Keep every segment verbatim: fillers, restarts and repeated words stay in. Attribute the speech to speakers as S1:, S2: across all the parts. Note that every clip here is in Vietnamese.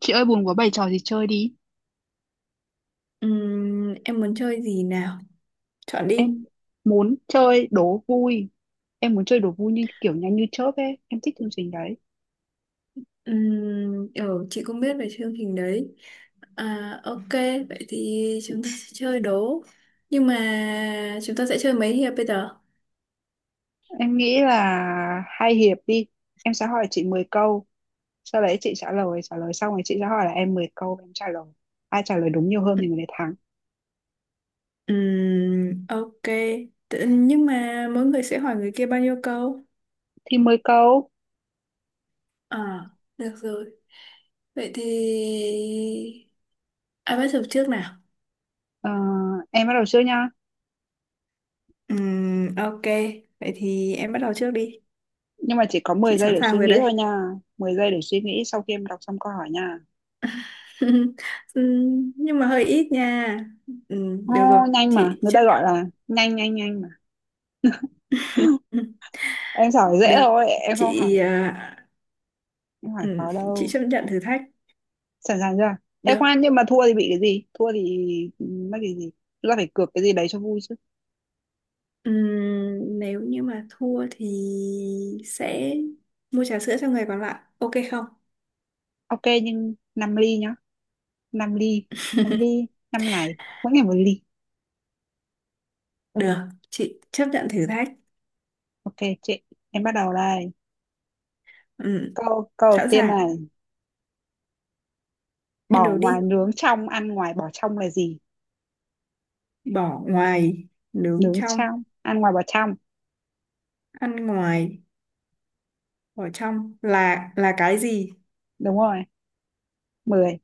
S1: Chị ơi buồn quá bày trò gì chơi đi.
S2: Ừm, em muốn chơi gì nào? Chọn đi.
S1: Em muốn chơi đố vui. Em muốn chơi đố vui như kiểu nhanh như chớp ấy. Em thích chương trình đấy.
S2: Ừm, ừ, chị cũng biết về chương trình đấy. À, ok, vậy thì chúng ta sẽ chơi đố. Nhưng mà chúng ta sẽ chơi mấy hiệp bây giờ?
S1: Em nghĩ là hai hiệp đi. Em sẽ hỏi chị mười câu. Sau đấy chị trả lời. Trả lời xong rồi chị sẽ hỏi là em mười câu và em trả lời. Ai trả lời đúng nhiều hơn thì người đấy thắng.
S2: Ừm, ok. Tự- Nhưng mà mỗi người sẽ hỏi người kia bao nhiêu câu?
S1: Thì mười câu.
S2: À, được rồi. Vậy thì... ai bắt đầu trước nào?
S1: Ờ, em bắt đầu trước nha.
S2: Ừm, ok. Vậy thì em bắt đầu trước đi.
S1: Nhưng mà chỉ có mười
S2: Chị
S1: giây
S2: sẵn
S1: để suy
S2: sàng rồi
S1: nghĩ thôi
S2: đây.
S1: nha. Mười giây để suy nghĩ sau khi em đọc xong câu hỏi nha.
S2: Ừ, nhưng mà hơi ít nha. Ừ,
S1: Ô,
S2: được rồi,
S1: nhanh mà.
S2: chị
S1: Người
S2: chấp
S1: ta
S2: nhận.
S1: gọi là nhanh nhanh nhanh mà.
S2: Ừ,
S1: Em giỏi dễ
S2: được.
S1: thôi em không hỏi,
S2: Chị à,
S1: em hỏi
S2: ừ,
S1: khó
S2: chị
S1: đâu.
S2: chấp nhận thử thách.
S1: Sẵn sàng chưa? Em
S2: Được.
S1: khoan, nhưng mà thua thì bị cái gì? Thua thì ừ, mất cái gì? Chúng ta phải cược cái gì đấy cho vui chứ.
S2: Ừ, nếu như mà thua thì sẽ mua trà sữa cho người còn lại, ok không?
S1: Ok nhưng năm ly nhá, năm ly, năm ly, năm ngày, mỗi ngày một ly.
S2: Được, chị chấp nhận thử thách.
S1: Ok chị, em bắt đầu đây.
S2: Ừ,
S1: Câu câu đầu
S2: sẵn
S1: tiên
S2: sàng.
S1: này:
S2: Ăn
S1: bỏ
S2: đồ đi.
S1: ngoài nướng trong, ăn ngoài bỏ trong là gì?
S2: Bỏ ngoài nướng
S1: Nướng
S2: trong,
S1: trong, ăn ngoài, bỏ trong.
S2: ăn ngoài bỏ trong là là cái gì?
S1: Đúng rồi. Mười,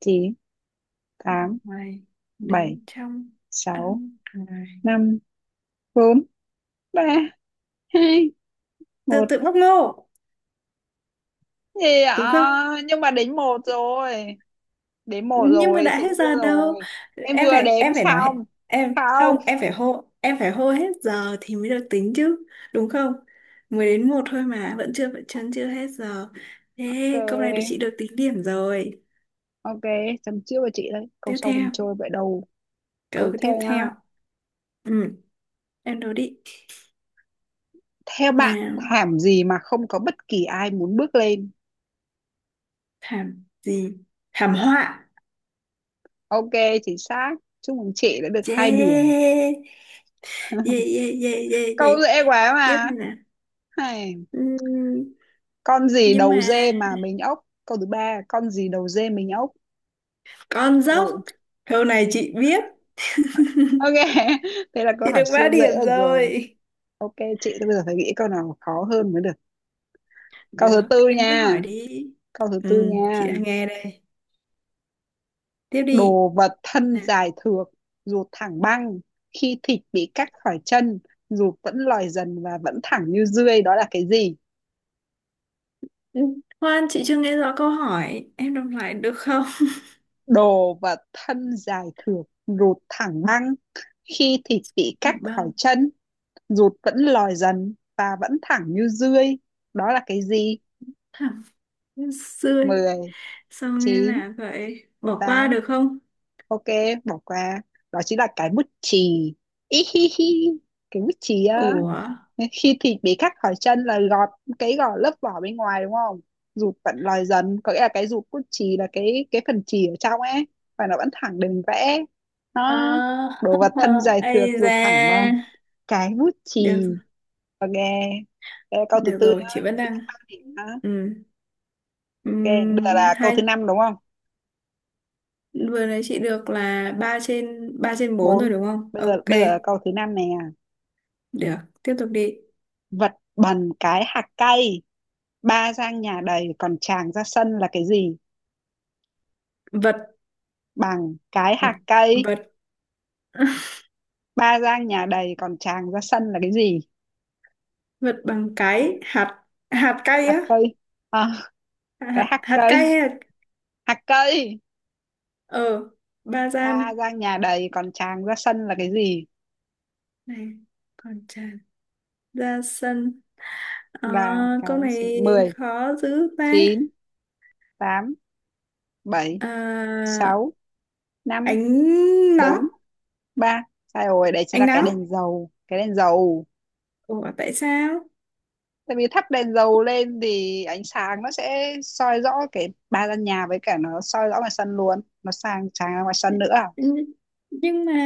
S1: chín,
S2: Bỏ
S1: tám,
S2: ngoài
S1: bảy,
S2: nướng trong,
S1: sáu,
S2: ăn ngoài.
S1: năm, bốn, ba, hai,
S2: tự
S1: một.
S2: tự bóc ngô,
S1: Thì
S2: đúng không?
S1: à, nhưng mà đến một rồi, đến một
S2: Nhưng mà
S1: rồi
S2: đã
S1: chị
S2: hết
S1: thua
S2: giờ đâu.
S1: rồi. Em
S2: em
S1: vừa
S2: phải
S1: đếm
S2: em phải nói hết-
S1: xong.
S2: em
S1: Không.
S2: không, em phải hô em phải hô hết giờ thì mới được tính chứ. Đúng không? Mới đến một thôi mà vẫn chưa vẫn chân chưa hết giờ. Thế câu này được chị
S1: Ok,
S2: được tính điểm rồi.
S1: ok, chấm trước với chị đấy, câu
S2: Tiếp
S1: sau không
S2: theo
S1: chơi vậy đâu.
S2: Câu
S1: Câu tiếp
S2: tiếp
S1: theo nhá:
S2: theo. Ừ, em đố đi
S1: theo bạn
S2: nào.
S1: thảm gì mà không có bất kỳ ai muốn bước lên?
S2: Thảm gì? Thảm họa.
S1: Ok, chính xác. Chúc mừng chị đã được hai điểm.
S2: Yeah, yeah, yeah, yeah, yeah, yeah.
S1: Câu dễ quá
S2: Tiếp
S1: mà.
S2: này nè.
S1: Hay.
S2: Ừm,
S1: Con gì
S2: nhưng
S1: đầu dê
S2: mà.
S1: mà mình ốc? Câu thứ ba: con gì đầu dê mình ốc?
S2: Con dốc.
S1: Ừ.
S2: Câu này chị biết.
S1: Ok. Thế là câu
S2: Chị
S1: hỏi
S2: được ba
S1: siêu dễ,
S2: điểm
S1: được rồi.
S2: rồi.
S1: Ok chị, tôi bây giờ phải nghĩ câu nào khó hơn mới được. Câu thứ
S2: Được,
S1: tư
S2: em cứ
S1: nha.
S2: hỏi đi.
S1: Câu thứ tư
S2: Ừ, chị
S1: nha.
S2: đang nghe đây. Tiếp đi.
S1: Đồ vật thân
S2: Nè.
S1: dài thượt, ruột thẳng băng. Khi thịt bị cắt khỏi chân, ruột vẫn lòi dần và vẫn thẳng như dươi. Đó là cái gì?
S2: Ừ, khoan, chị chưa nghe rõ câu hỏi. Em đọc lại được không?
S1: Đồ vật thân dài thượt, ruột thẳng băng. Khi thịt bị cắt
S2: Thẳng
S1: khỏi
S2: băng.
S1: chân, ruột vẫn lòi dần và vẫn thẳng như dươi. Đó là cái gì?
S2: Thẳng, xuôi.
S1: Mười,
S2: Sao nghe
S1: chín,
S2: lạ vậy? Bỏ qua
S1: tám.
S2: được không?
S1: Ok, bỏ qua. Đó chính là cái bút chì. Ý hi hi, cái bút chì á.
S2: Ủa?
S1: Khi thịt bị khắc khỏi chân là gọt, cái gọt lớp vỏ bên ngoài đúng không? Rụt vẫn lòi dần có nghĩa là cái rụt bút chì là cái cái phần chì ở trong ấy, và nó vẫn thẳng đường vẽ
S2: Ờ,
S1: nó. Đồ vật thân dài thượt,
S2: ây
S1: rụt thẳng
S2: da.
S1: bằng, cái bút chì.
S2: Được,
S1: Ok, đây là câu thứ
S2: được
S1: tư
S2: rồi,
S1: nhá,
S2: chị vẫn
S1: chị đã
S2: đang.
S1: ba điểm nhá.
S2: Ừ.
S1: Ok, bây giờ
S2: Ừm,
S1: là câu
S2: hai,
S1: thứ năm đúng không?
S2: vừa nãy chị được là ba trên ba, trên bốn rồi
S1: Bốn.
S2: đúng không?
S1: bây giờ
S2: Ok,
S1: bây giờ là câu thứ năm nè.
S2: được, tiếp tục đi.
S1: Vật bằng cái hạt cây, ba gang nhà đầy còn tràng ra sân là cái gì?
S2: Vật
S1: Bằng cái hạt cây,
S2: vật
S1: ba gang nhà đầy còn tràng ra sân là cái gì?
S2: vật bằng cái hạt hạt cay
S1: Hạt
S2: á,
S1: cây, à, cái
S2: hạt
S1: hạt
S2: hạt
S1: cây,
S2: cay hay hạt.
S1: hạt cây,
S2: Ờ, ba gian
S1: ba gang nhà đầy còn tràng ra sân là cái gì?
S2: này còn tràn ra sân. À,
S1: Là cái
S2: câu
S1: gì?
S2: này
S1: Mười,
S2: khó dữ ta.
S1: chín, tám, bảy,
S2: À,
S1: sáu, năm,
S2: ánh nắng,
S1: bốn, ba. Sai rồi, đấy chính
S2: ánh
S1: là cái
S2: nắng.
S1: đèn dầu, cái đèn dầu.
S2: Ủa tại sao?
S1: Tại vì thắp đèn dầu lên thì ánh sáng nó sẽ soi rõ cái ba gian nhà, với cả nó soi rõ ngoài sân luôn, nó sang sáng ra ngoài sân nữa à?
S2: nhưng mà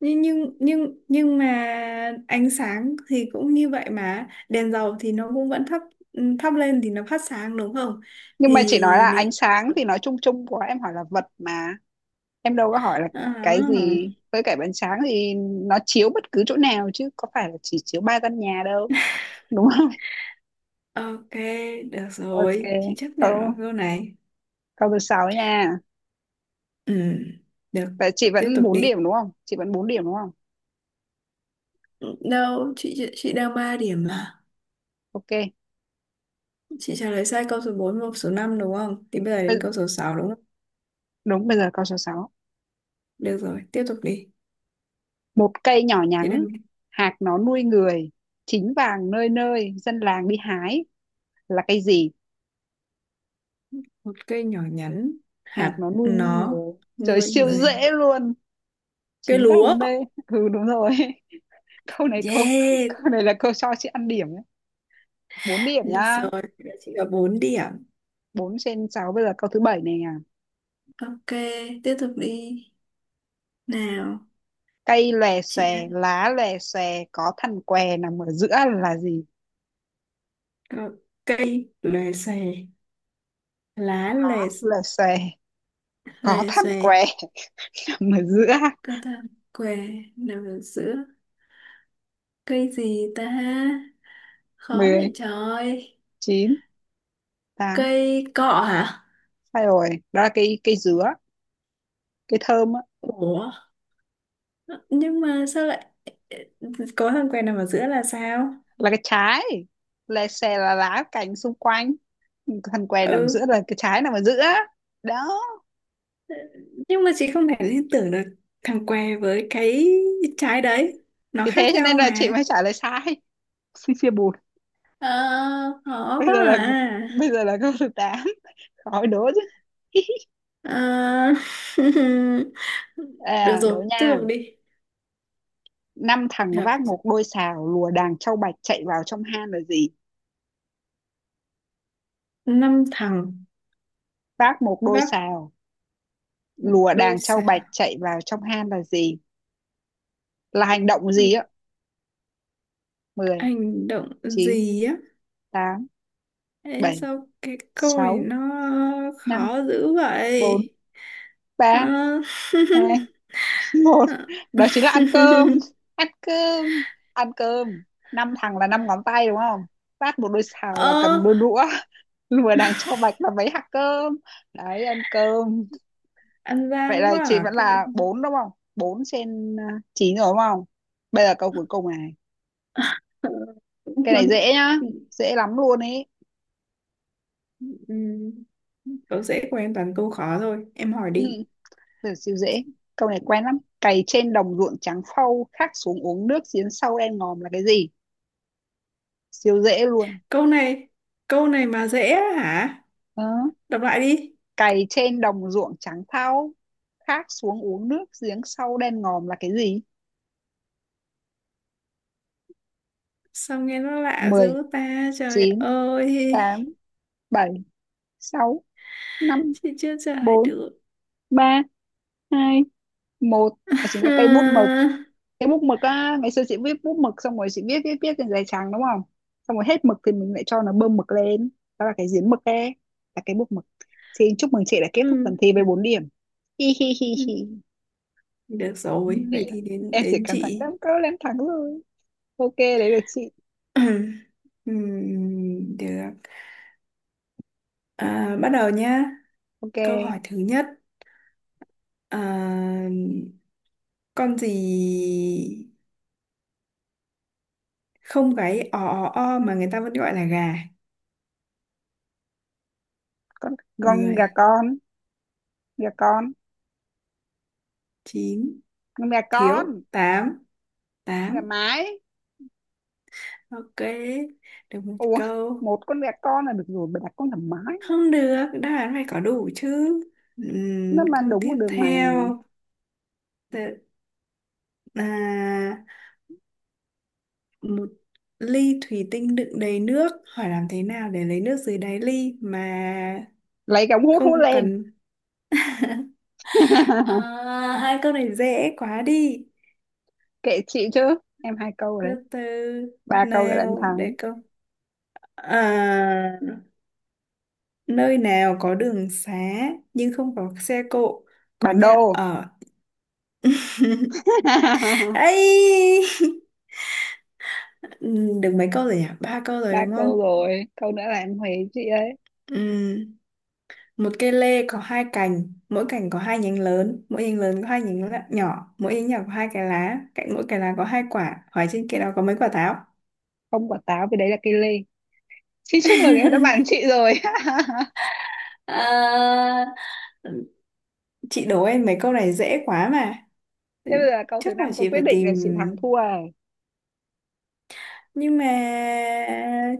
S2: nhưng nhưng nhưng nhưng mà ánh sáng thì cũng như vậy, mà đèn dầu thì nó cũng vẫn thắp thắp lên thì nó phát sáng, đúng không?
S1: Nhưng mà chị
S2: thì
S1: nói là
S2: nếu-
S1: ánh sáng thì nói chung chung, của em hỏi là vật mà, em đâu có hỏi là cái
S2: À,
S1: gì. Với cả ánh sáng thì nó chiếu bất cứ chỗ nào chứ có phải là chỉ chiếu ba gian nhà đâu, đúng không?
S2: ok, được
S1: Ok,
S2: rồi, chị chấp nhận
S1: câu
S2: vào câu này.
S1: câu thứ sáu nha.
S2: Ừ, được,
S1: Vậy chị
S2: tiếp
S1: vẫn
S2: tục
S1: bốn
S2: đi.
S1: điểm đúng không, chị vẫn bốn điểm đúng không?
S2: Đâu, chị chị đang ba điểm mà.
S1: Ok.
S2: Chị trả lời sai câu số bốn và số năm đúng không? Thì bây giờ đến
S1: Bây-
S2: câu số sáu đúng không?
S1: Đúng, bây giờ câu số sáu.
S2: Được rồi, tiếp tục đi.
S1: Một cây nhỏ
S2: Chị đang
S1: nhắn, hạt nó nuôi người, chín vàng nơi nơi, dân làng đi hái. Là cây gì?
S2: Một cây nhỏ nhắn,
S1: Hạt
S2: hạt
S1: nó nuôi
S2: nó
S1: người. Trời
S2: nuôi
S1: siêu
S2: người.
S1: dễ luôn.
S2: Cây
S1: Chín
S2: lúa.
S1: vàng nơi. Ừ đúng rồi. Câu này câu
S2: Yeah,
S1: Câu này là câu cho chị ăn điểm nhé. bốn điểm
S2: được
S1: nhá.
S2: rồi, chị có bốn điểm.
S1: Bốn trên sáu. Bây giờ câu thứ bảy này à.
S2: Ok, tiếp tục đi nào.
S1: Cây lòe
S2: Chị
S1: xòe,
S2: đang
S1: lá lòe xòe, có thằn què nằm ở giữa là gì?
S2: Có cây lòe xòe, lá lòe
S1: Lòe xòe, có
S2: lòe
S1: thằn
S2: xòe
S1: què nằm ở giữa.
S2: cơ ta, què nằm ở giữa. Cây gì ta? Khó
S1: Mười,
S2: vậy trời.
S1: chín, tám.
S2: Cây cọ hả?
S1: Sai rồi, đó là cây cây dứa, cái thơm á.
S2: Ủa, nhưng mà sao lại có thằng què nằm ở giữa là sao?
S1: Là cái trái. Lè xè là lá cành xung quanh, thằng què nằm
S2: Ừ,
S1: giữa là cái trái nằm ở giữa, đó.
S2: nhưng mà chị không thể liên tưởng được thằng què với cái trái đấy, nó
S1: Thì thế
S2: khác
S1: cho nên
S2: nhau
S1: là chị
S2: mà.
S1: mới trả lời sai. Xì xì bụt.
S2: Ờ, khó
S1: bây
S2: quá
S1: giờ là
S2: à.
S1: Bây giờ là câu thứ tám, khỏi đố chứ.
S2: Ờ, được
S1: À, đố
S2: rồi, tiếp
S1: nha.
S2: tục đi.
S1: Năm thằng
S2: được
S1: vác một đôi sào lùa đàn trâu bạch chạy vào trong hang là gì?
S2: Năm thằng
S1: Vác một đôi
S2: vác
S1: sào,
S2: một
S1: lùa
S2: đôi
S1: đàn trâu
S2: sào,
S1: bạch chạy vào trong hang là gì? Là hành động gì á? Mười,
S2: hành động
S1: chín,
S2: gì á?
S1: tám,
S2: Ê,
S1: bảy,
S2: sao cái câu này
S1: sáu,
S2: nó
S1: năm,
S2: khó dữ
S1: bốn,
S2: vậy?
S1: ba,
S2: Ờ,
S1: hai, một.
S2: ờ,
S1: Đó chính là ăn cơm, ăn cơm, ăn cơm. Năm thằng là năm ngón tay đúng không, phát một đôi xào là
S2: ờ,
S1: cầm đôi đũa, lùa đằng cho bạch là mấy hạt cơm đấy, ăn cơm.
S2: ăn
S1: Vậy
S2: gian
S1: là
S2: quá
S1: chị
S2: à.
S1: vẫn
S2: cái
S1: là bốn đúng không, bốn trên à, chín rồi đúng không? Bây giờ câu cuối cùng này, cái này dễ nhá, dễ lắm luôn ấy.
S2: Ừm, Tớ dễ của em toàn câu khó thôi. Em hỏi
S1: ừ,
S2: đi.
S1: Từ siêu dễ, câu này quen lắm. Cày trên đồng ruộng trắng phau, khát xuống uống nước giếng sâu đen ngòm là cái gì? Siêu dễ luôn.
S2: Câu này. Câu này mà dễ á hả?
S1: Ờ,
S2: Đọc lại đi.
S1: cày trên đồng ruộng trắng thau, khát xuống uống nước giếng sâu đen ngòm là cái gì?
S2: Sao nghe nó lạ
S1: Mười,
S2: dữ ta. Trời
S1: chín,
S2: ơi.
S1: tám, bảy, sáu, năm,
S2: Chị chưa trả lời
S1: bốn,
S2: được.
S1: ba, hai, một. Và chính là cây bút mực.
S2: Ha.
S1: Cái bút mực á, ngày xưa chị viết bút mực xong rồi chị viết viết viết trên giấy trắng đúng không? Xong rồi hết mực thì mình lại cho nó bơm mực lên, đó là cái giếng mực ấy, là cái bút mực. Xin chúc mừng chị đã kết thúc
S2: Ừm.
S1: phần thi với bốn điểm. Hi hi hi hi,
S2: Được rồi.
S1: bốn
S2: Vậy
S1: điểm.
S2: thì đến
S1: Em chỉ
S2: đến
S1: cần thắng
S2: chị.
S1: năm câu là em thắng rồi. Ok, đấy là chị.
S2: Ừm, Được, à, bắt đầu nhá. Câu
S1: Ok.
S2: hỏi thứ nhất, à, con gì không cái o o o mà người ta vẫn gọi là gà?
S1: Con con gà
S2: Mười,
S1: con, gà con
S2: chín,
S1: con gà con
S2: thiếu tám,
S1: con gà
S2: tám.
S1: mái.
S2: Ok, được một
S1: Ủa,
S2: câu.
S1: một con gà con là được rồi, bà đặt con gà mái,
S2: Không được, đáp án phải có đủ chứ.
S1: nó
S2: Ừm,
S1: mà
S2: câu
S1: đúng
S2: tiếp
S1: con đường mà.
S2: theo. Tự- À, một ly thủy tinh đựng đầy nước, hỏi làm thế nào để lấy nước dưới đáy ly mà
S1: Lấy cái ống hút hút
S2: không
S1: lên.
S2: cần? À, hai câu này dễ quá đi.
S1: Kệ chị chứ, em hai câu
S2: Từ
S1: rồi đấy,
S2: từ
S1: ba câu rồi là em
S2: nào,
S1: thắng.
S2: để câu à. Nơi nào có đường xá nhưng không có xe cộ, có
S1: Bản
S2: nhà
S1: đồ.
S2: ở. ấy. Được mấy câu rồi nhỉ? Ba câu rồi
S1: Ba
S2: đúng không?
S1: câu rồi, câu nữa là em huề chị ấy.
S2: Ừm, Một cây lê có hai cành, mỗi cành có hai nhánh lớn, mỗi nhánh lớn có hai nhánh lạ- nhỏ, mỗi nhánh nhỏ có hai cái lá, cạnh mỗi cái lá có hai quả. Hỏi trên kia đó có mấy quả táo?
S1: Không quả táo vì đấy là cây lê. Xin chúc mừng em đã bàn chị rồi.
S2: À, chị đố em mấy câu này dễ quá mà.
S1: Thế bây giờ câu thứ
S2: Chắc là
S1: năm, câu
S2: chị
S1: quyết
S2: phải
S1: định là
S2: tìm.
S1: chị thắng thua rồi.
S2: Nhưng mà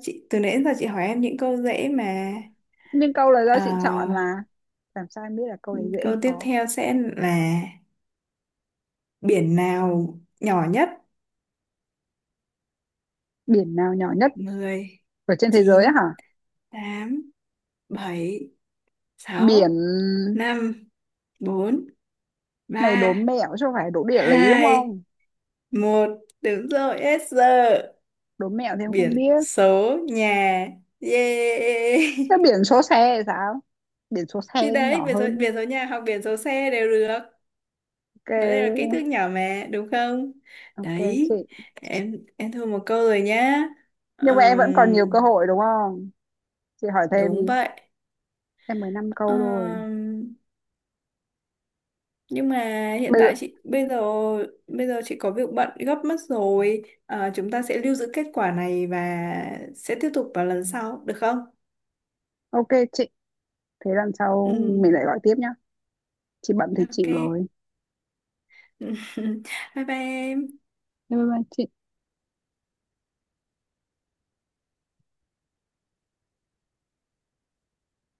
S2: chị từ nãy đến giờ chị hỏi em những câu dễ mà.
S1: Nhưng câu là do
S2: Ờ,
S1: chị chọn mà, làm sao em biết là câu đấy dễ hay
S2: câu tiếp
S1: khó?
S2: theo sẽ là biển nào nhỏ nhất?
S1: Biển nào nhỏ nhất?
S2: Mười,
S1: Ở trên thế giới á
S2: chín,
S1: hả?
S2: tám, bảy, sáu,
S1: Biển
S2: năm, bốn,
S1: này đố
S2: ba,
S1: mẹo chứ không phải đố địa lý đúng
S2: hai,
S1: không?
S2: một. Đúng rồi, yes.
S1: Đố mẹo thì em không
S2: Biển
S1: biết.
S2: số nhà. Yeah.
S1: Sao biển số xe thì sao, biển số xe
S2: Thì đấy,
S1: nhỏ
S2: biển số,
S1: hơn.
S2: biển số nhà hoặc biển số xe đều được. Nói đây là ký
S1: Ok.
S2: thước nhỏ mà, đúng không?
S1: Ok chị,
S2: Đấy, em em thua một câu rồi nhá.
S1: nhưng mà em vẫn còn
S2: Ừm,
S1: nhiều cơ hội đúng không? Chị hỏi thêm đi,
S2: Đúng vậy.
S1: em mới năm câu rồi.
S2: Ừm, nhưng mà hiện
S1: Bây giờ.
S2: tại chị bây giờ, bây giờ chị có việc bận gấp mất rồi. Ờ, chúng ta sẽ lưu giữ kết quả này và sẽ tiếp tục vào lần sau, được không?
S1: Ok chị, thế lần sau
S2: Ừ,
S1: mình lại gọi tiếp nhá, chị bận thì
S2: ok.
S1: chịu rồi.
S2: Bye bye em.
S1: Bye bye chị.